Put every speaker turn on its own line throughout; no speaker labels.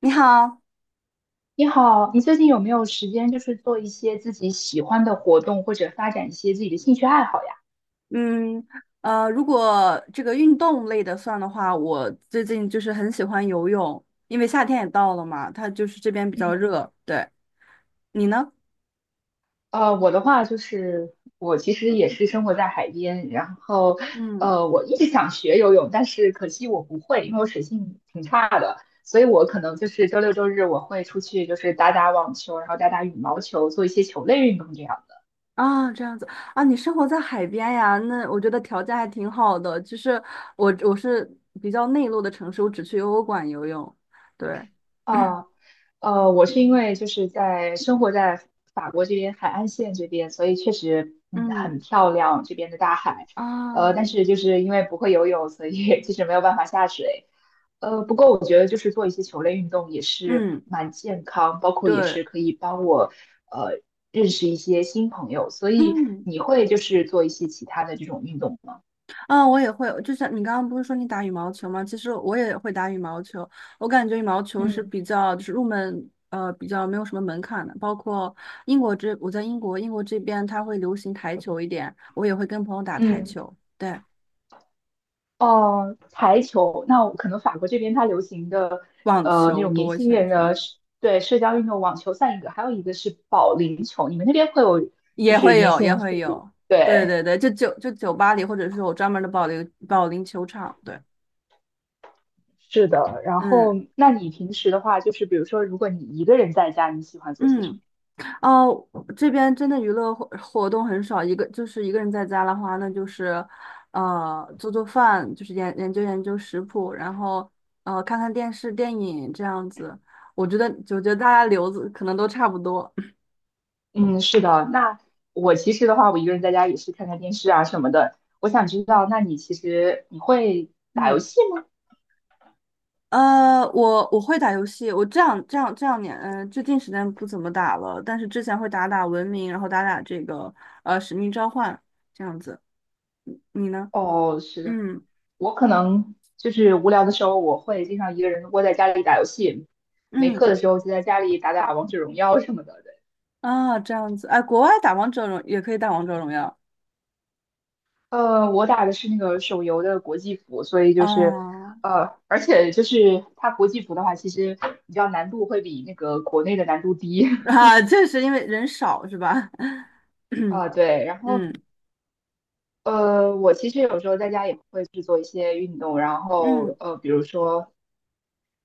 你好，
你好，你最近有没有时间，就是做一些自己喜欢的活动，或者发展一些自己的兴趣爱好呀？
嗯，如果这个运动类的算的话，我最近就是很喜欢游泳，因为夏天也到了嘛，它就是这边比较
嗯
热。对，你呢？
我的话就是我其实也是生活在海边，然后
嗯，
我一直想学游泳，但是可惜我不会，因为我水性挺差的，所以我可能就是周六周日我会出去就是打打网球，然后打打羽毛球，做一些球类运动这样。
啊，这样子啊，你生活在海边呀？那我觉得条件还挺好的。就是我是比较内陆的城市，我只去游泳馆游泳。对，
啊，我是因为就是在生活在法国这边海岸线这边，所以确实嗯很
嗯，
漂亮这边的大海，
啊，
但是就是因为不会游泳，所以 其实没有办法下水。不过我觉得就是做一些球类运动也是
嗯，
蛮健康，包括也
对，
是可以帮我呃认识一些新朋友。所以
嗯。
你会就是做一些其他的这种运动吗？
啊，我也会，就像你刚刚不是说你打羽毛球吗？其实我也会打羽毛球，我感觉羽毛球是
嗯
比较就是入门，比较没有什么门槛的。包括英国这，我在英国，英国这边它会流行台球一点，我也会跟朋友打台
嗯，
球，对，
哦，台球，那我可能法国这边它流行的，
网
那
球
种年
多一
轻
些，
人的社对，社交运动，网球算一个，还有一个是保龄球。你们那边会有，就
也
是
会
年
有，
轻
也
人
会
去，
有，对
对，
对对，就酒吧里，或者是有专门的保龄球场，对，
是的。然后，
嗯
那你平时的话，就是比如说，如果你一个人在家，你喜欢做些什
嗯。
么？
哦，这边真的娱乐活动很少，一个就是一个人在家的话，那就是，做做饭，就是研究研究食谱，然后看看电视、电影这样子。我觉得，我觉得大家留子可能都差不多。
嗯，是的。那我其实的话，我一个人在家也是看看电视啊什么的。我想知道，那你其实你会打游
嗯，
戏吗？
我会打游戏，我这两年，嗯、最近时间不怎么打了，但是之前会打打文明，然后打打这个使命召唤这样子。嗯你呢？
哦，是的。
嗯
我可能就是无聊的时候，我会经常一个人窝在家里打游戏，没
嗯。
课的时候就在家里打打王者荣耀什么的。对
啊，这样子，哎，国外打王者荣也可以打王者荣耀
我打的是那个手游的国际服，所以就是，
啊。
而且就是它国际服的话，其实比较难度会比那个国内的难度低。
啊，确实因为人少是吧？
啊，
嗯
对，然后
嗯
我其实有时候在家也会去做一些运动，然后
嗯
比如说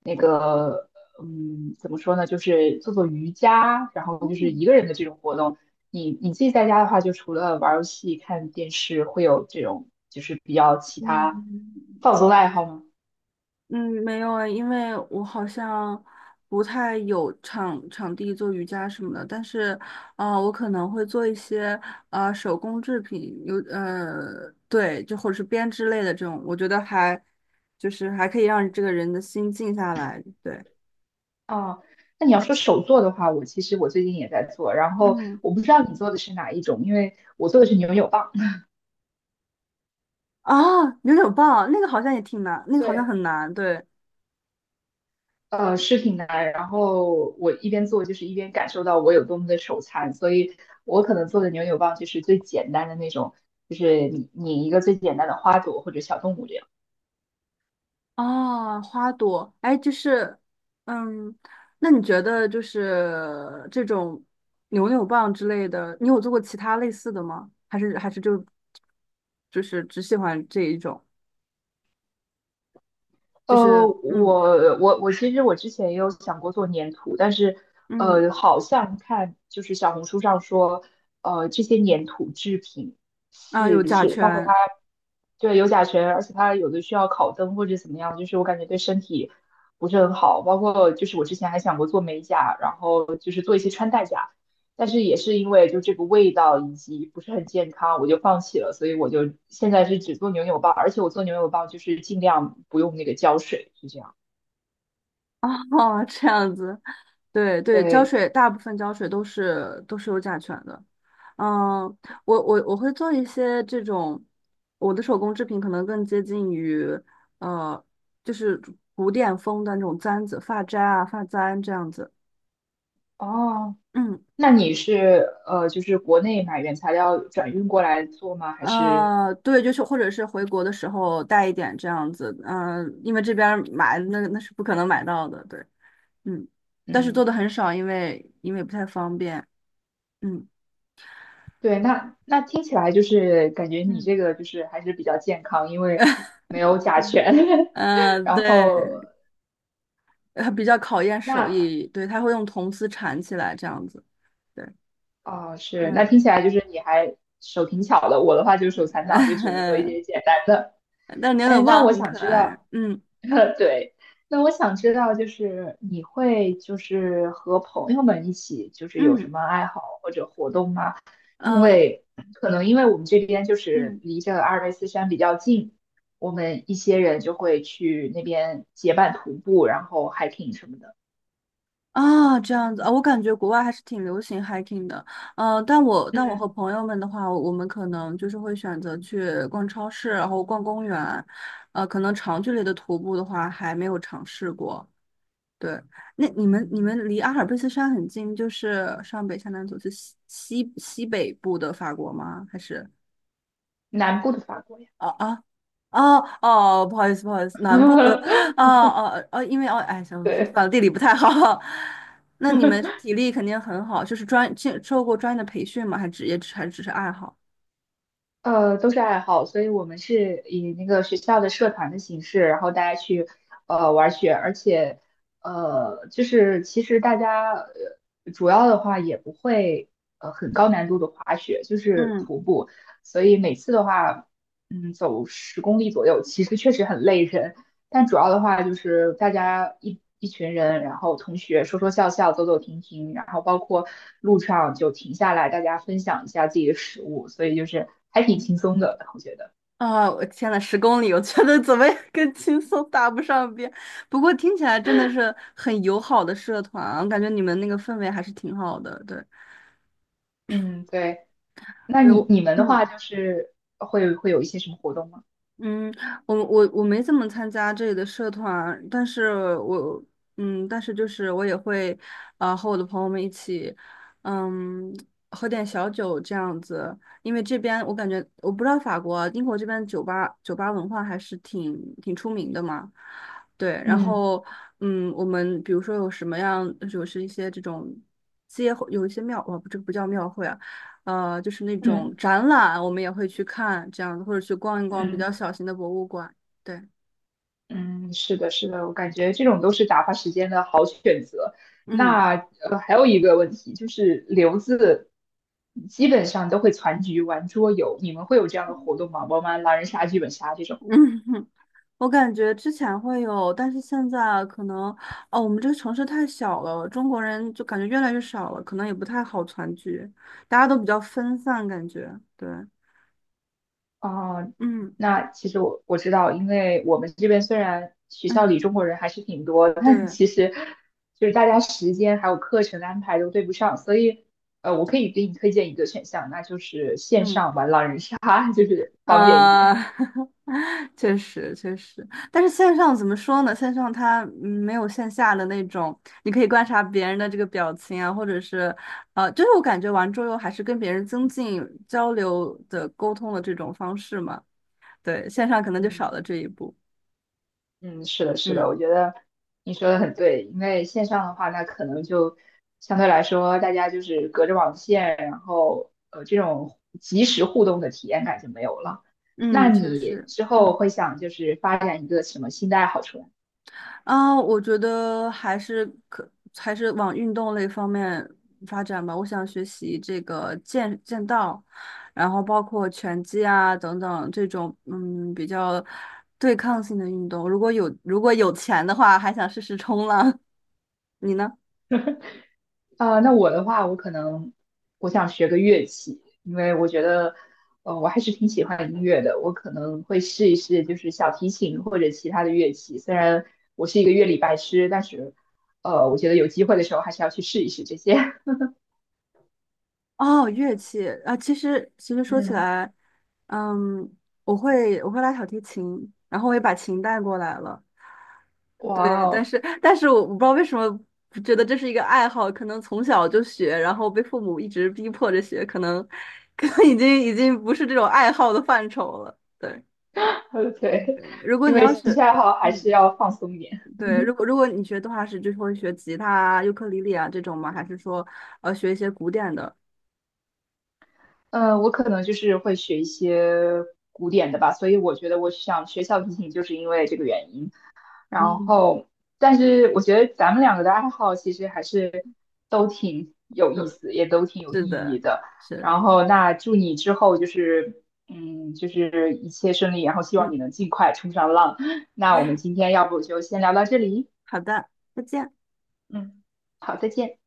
那个，嗯，怎么说呢，就是做做瑜伽，然后就是
嗯
一个人的这种活动。你自己在家的话，就除了玩儿游戏、看电视，会有这种就是比较其他
嗯
放松的爱好吗？
嗯，没有哎，因为我好像不太有场地做瑜伽什么的，但是啊、我可能会做一些啊、手工制品，有对，就或者是编织类的这种，我觉得还就是还可以让这个人的心静下来，对，
啊，那你要说手作的话，我其实我最近也在做，然后
嗯。
我不知道你做的是哪一种，因为我做的是扭扭棒。
啊，扭扭棒那个好像也挺难，那 个好像
对。
很难，对。
视频来，然后我一边做就是一边感受到我有多么的手残，所以我可能做的扭扭棒就是最简单的那种，就是你一个最简单的花朵或者小动物这样。
啊，花朵，哎，就是，嗯，那你觉得就是这种扭扭棒之类的，你有做过其他类似的吗？还是就就是只喜欢这一种？就
呃，
是嗯
我我我其实我之前也有想过做粘土，但是
嗯。
好像看就是小红书上说，这些粘土制品
啊，有
是
甲
是包括它。
醛。
对，有甲醛，而且它有的需要烤灯或者怎么样，就是我感觉对身体不是很好。包括就是我之前还想过做美甲，然后就是做一些穿戴甲，但是也是因为就这个味道以及不是很健康，我就放弃了。所以我就现在是只做牛油棒，而且我做牛油棒就是尽量不用那个胶水，是这样。
啊，这样子。对对，胶
对，
水大部分胶水都是都是有甲醛的。嗯，我会做一些这种，我的手工制品可能更接近于呃，就是古典风的那种簪子、发簪啊、发簪这样子。
哦，
嗯。
那你是就是国内买原材料转运过来做吗？还是
对，就是或者是回国的时候带一点这样子，嗯、因为这边儿买那那是不可能买到的，对，嗯，但是做
嗯？
的很少，因为不太方便，嗯
对，那那听起来就是感觉你
嗯
这个就是还是比较健康，因为 没有甲醛。
嗯，
然后
对。比较考验手
那
艺，对，他会用铜丝缠起来这样子，对，
哦是，那
嗯，
听起来就是你还手挺巧的。我的话就是手残党，就只能做一 些简单的。
但牛
哎，
角
那
棒
我
很
想
可
知
爱，
道，
嗯
对，那我想知道，就是你会就是和朋友们一起，就是有什
嗯
么爱好或者活动吗？因
呃
为可能因为我们这边就是
嗯
离这个阿尔卑斯山比较近，我们一些人就会去那边结伴徒步，然后 hiking 什么的。
啊，这样子啊，我感觉国外还是挺流行 hiking 的，但我和
嗯
朋友们的话，我们可能就是会选择去逛超市，然后逛公园，可能长距离的徒步的话还没有尝试过，对，那你们你
嗯，
们离阿尔卑斯山很近，就是上北下南左是西北部的法国吗？还是
南部的法国呀。
哦啊哦哦，不好意思，南部的 哦哦哦，因为哦哎，想反
对。
正地理不太好。那你们体力肯定很好，就是专经受过专业的培训吗？还职业还只是爱好？
都是爱好，所以我们是以那个学校的社团的形式，然后大家去玩雪，而且就是其实大家主要的话也不会很高难度的滑雪，就是
嗯。
徒步，所以每次的话，嗯，走10公里左右，其实确实很累人，但主要的话就是大家一群人，然后同学说说笑笑，走走停停，然后包括路上就停下来，大家分享一下自己的食物，所以就是还挺轻松的，我觉得。
啊，我天呐，10公里，我觉得怎么也 跟轻松搭不上边。不过听起来真的是很友好的社团啊，我感觉你们那个氛围还是挺好的。对，
嗯，对。那
对
你
我，
你们的
嗯。
话就是会有一些什么活动吗？
嗯，我没怎么参加这里的社团，但是我嗯，但是就是我也会，啊和我的朋友们一起，嗯，喝点小酒这样子，因为这边我感觉我不知道法国，英国这边酒吧文化还是挺挺出名的嘛，对，然
嗯
后嗯，我们比如说有什么样，就是一些这种街有一些庙，哦，不，这个不叫庙会啊。就是那种
嗯
展览，我们也会去看这样子，或者去逛一逛比
嗯。
较小型的博物馆。对，
嗯，是的，是的，我感觉这种都是打发时间的好选择。
嗯
那还有一个问题就是留子基本上都会攒局玩桌游，你们会有这样的活动吗？玩玩狼人杀、剧本杀这
嗯，
种？
我感觉之前会有，但是现在可能，哦，我们这个城市太小了，中国人就感觉越来越少了，可能也不太好团聚，大家都比较分散，感觉对，
啊、
嗯
那其实我知道，因为我们这边虽然学校里
嗯，
中国人还是挺多的，但
对，
其实就是大家时间还有课程的安排都对不上，所以我可以给你推荐一个选项，那就是线
嗯。
上玩狼人杀，就是方便一
啊，
点。
确实确实，但是线上怎么说呢？线上它没有线下的那种，你可以观察别人的这个表情啊，或者是，就是我感觉玩桌游还是跟别人增进交流的沟通的这种方式嘛。对，线上可能就少
嗯。
了这一步。
嗯，是的，是的，
嗯
我觉得你说的很对，因为线上的话，那可能就相对来说，大家就是隔着网线，然后这种即时互动的体验感就没有了。那
嗯，确
你
实，
之后
嗯。
会想就是发展一个什么新的爱好出来吗？
啊，我觉得还是往运动类方面发展吧。我想学习这个剑道，然后包括拳击啊等等这种嗯比较对抗性的运动。如果有钱的话，还想试试冲浪。你呢？
啊、那我的话，我可能我想学个乐器，因为我觉得，我还是挺喜欢音乐的。我可能会试一试，就是小提琴或者其他的乐器。虽然我是一个乐理白痴，但是，我觉得有机会的时候还是要去试一试这些。
哦，乐器啊，其实其实 说起
嗯，
来，嗯，我会拉小提琴，然后我也把琴带过来了。
哇
对，但
哦，
是但是我不知道为什么觉得这是一个爱好，可能从小就学，然后被父母一直逼迫着学，可能已经不是这种爱好的范畴了。对
对，
对，如果
因
你
为
要
兴趣
是
爱好还是
嗯，
要放松一点。
对，如果 如果你学动画师，就是会学吉他啊、尤克里里啊这种吗？还是说学一些古典的？
嗯，我可能就是会学一些古典的吧，所以我觉得我想学小提琴，就是因为这个原因。然
嗯，
后，但是我觉得咱们两个的爱好其实还是都挺有
对，
意思，也都挺有
是
意
的，
义的。
是，
然后，那祝你之后就是，嗯，就是一切顺利，然后希望
嗯，
你能尽快冲上浪。那我们今天要不就先聊到这里，
好的，再见。
嗯，好，再见。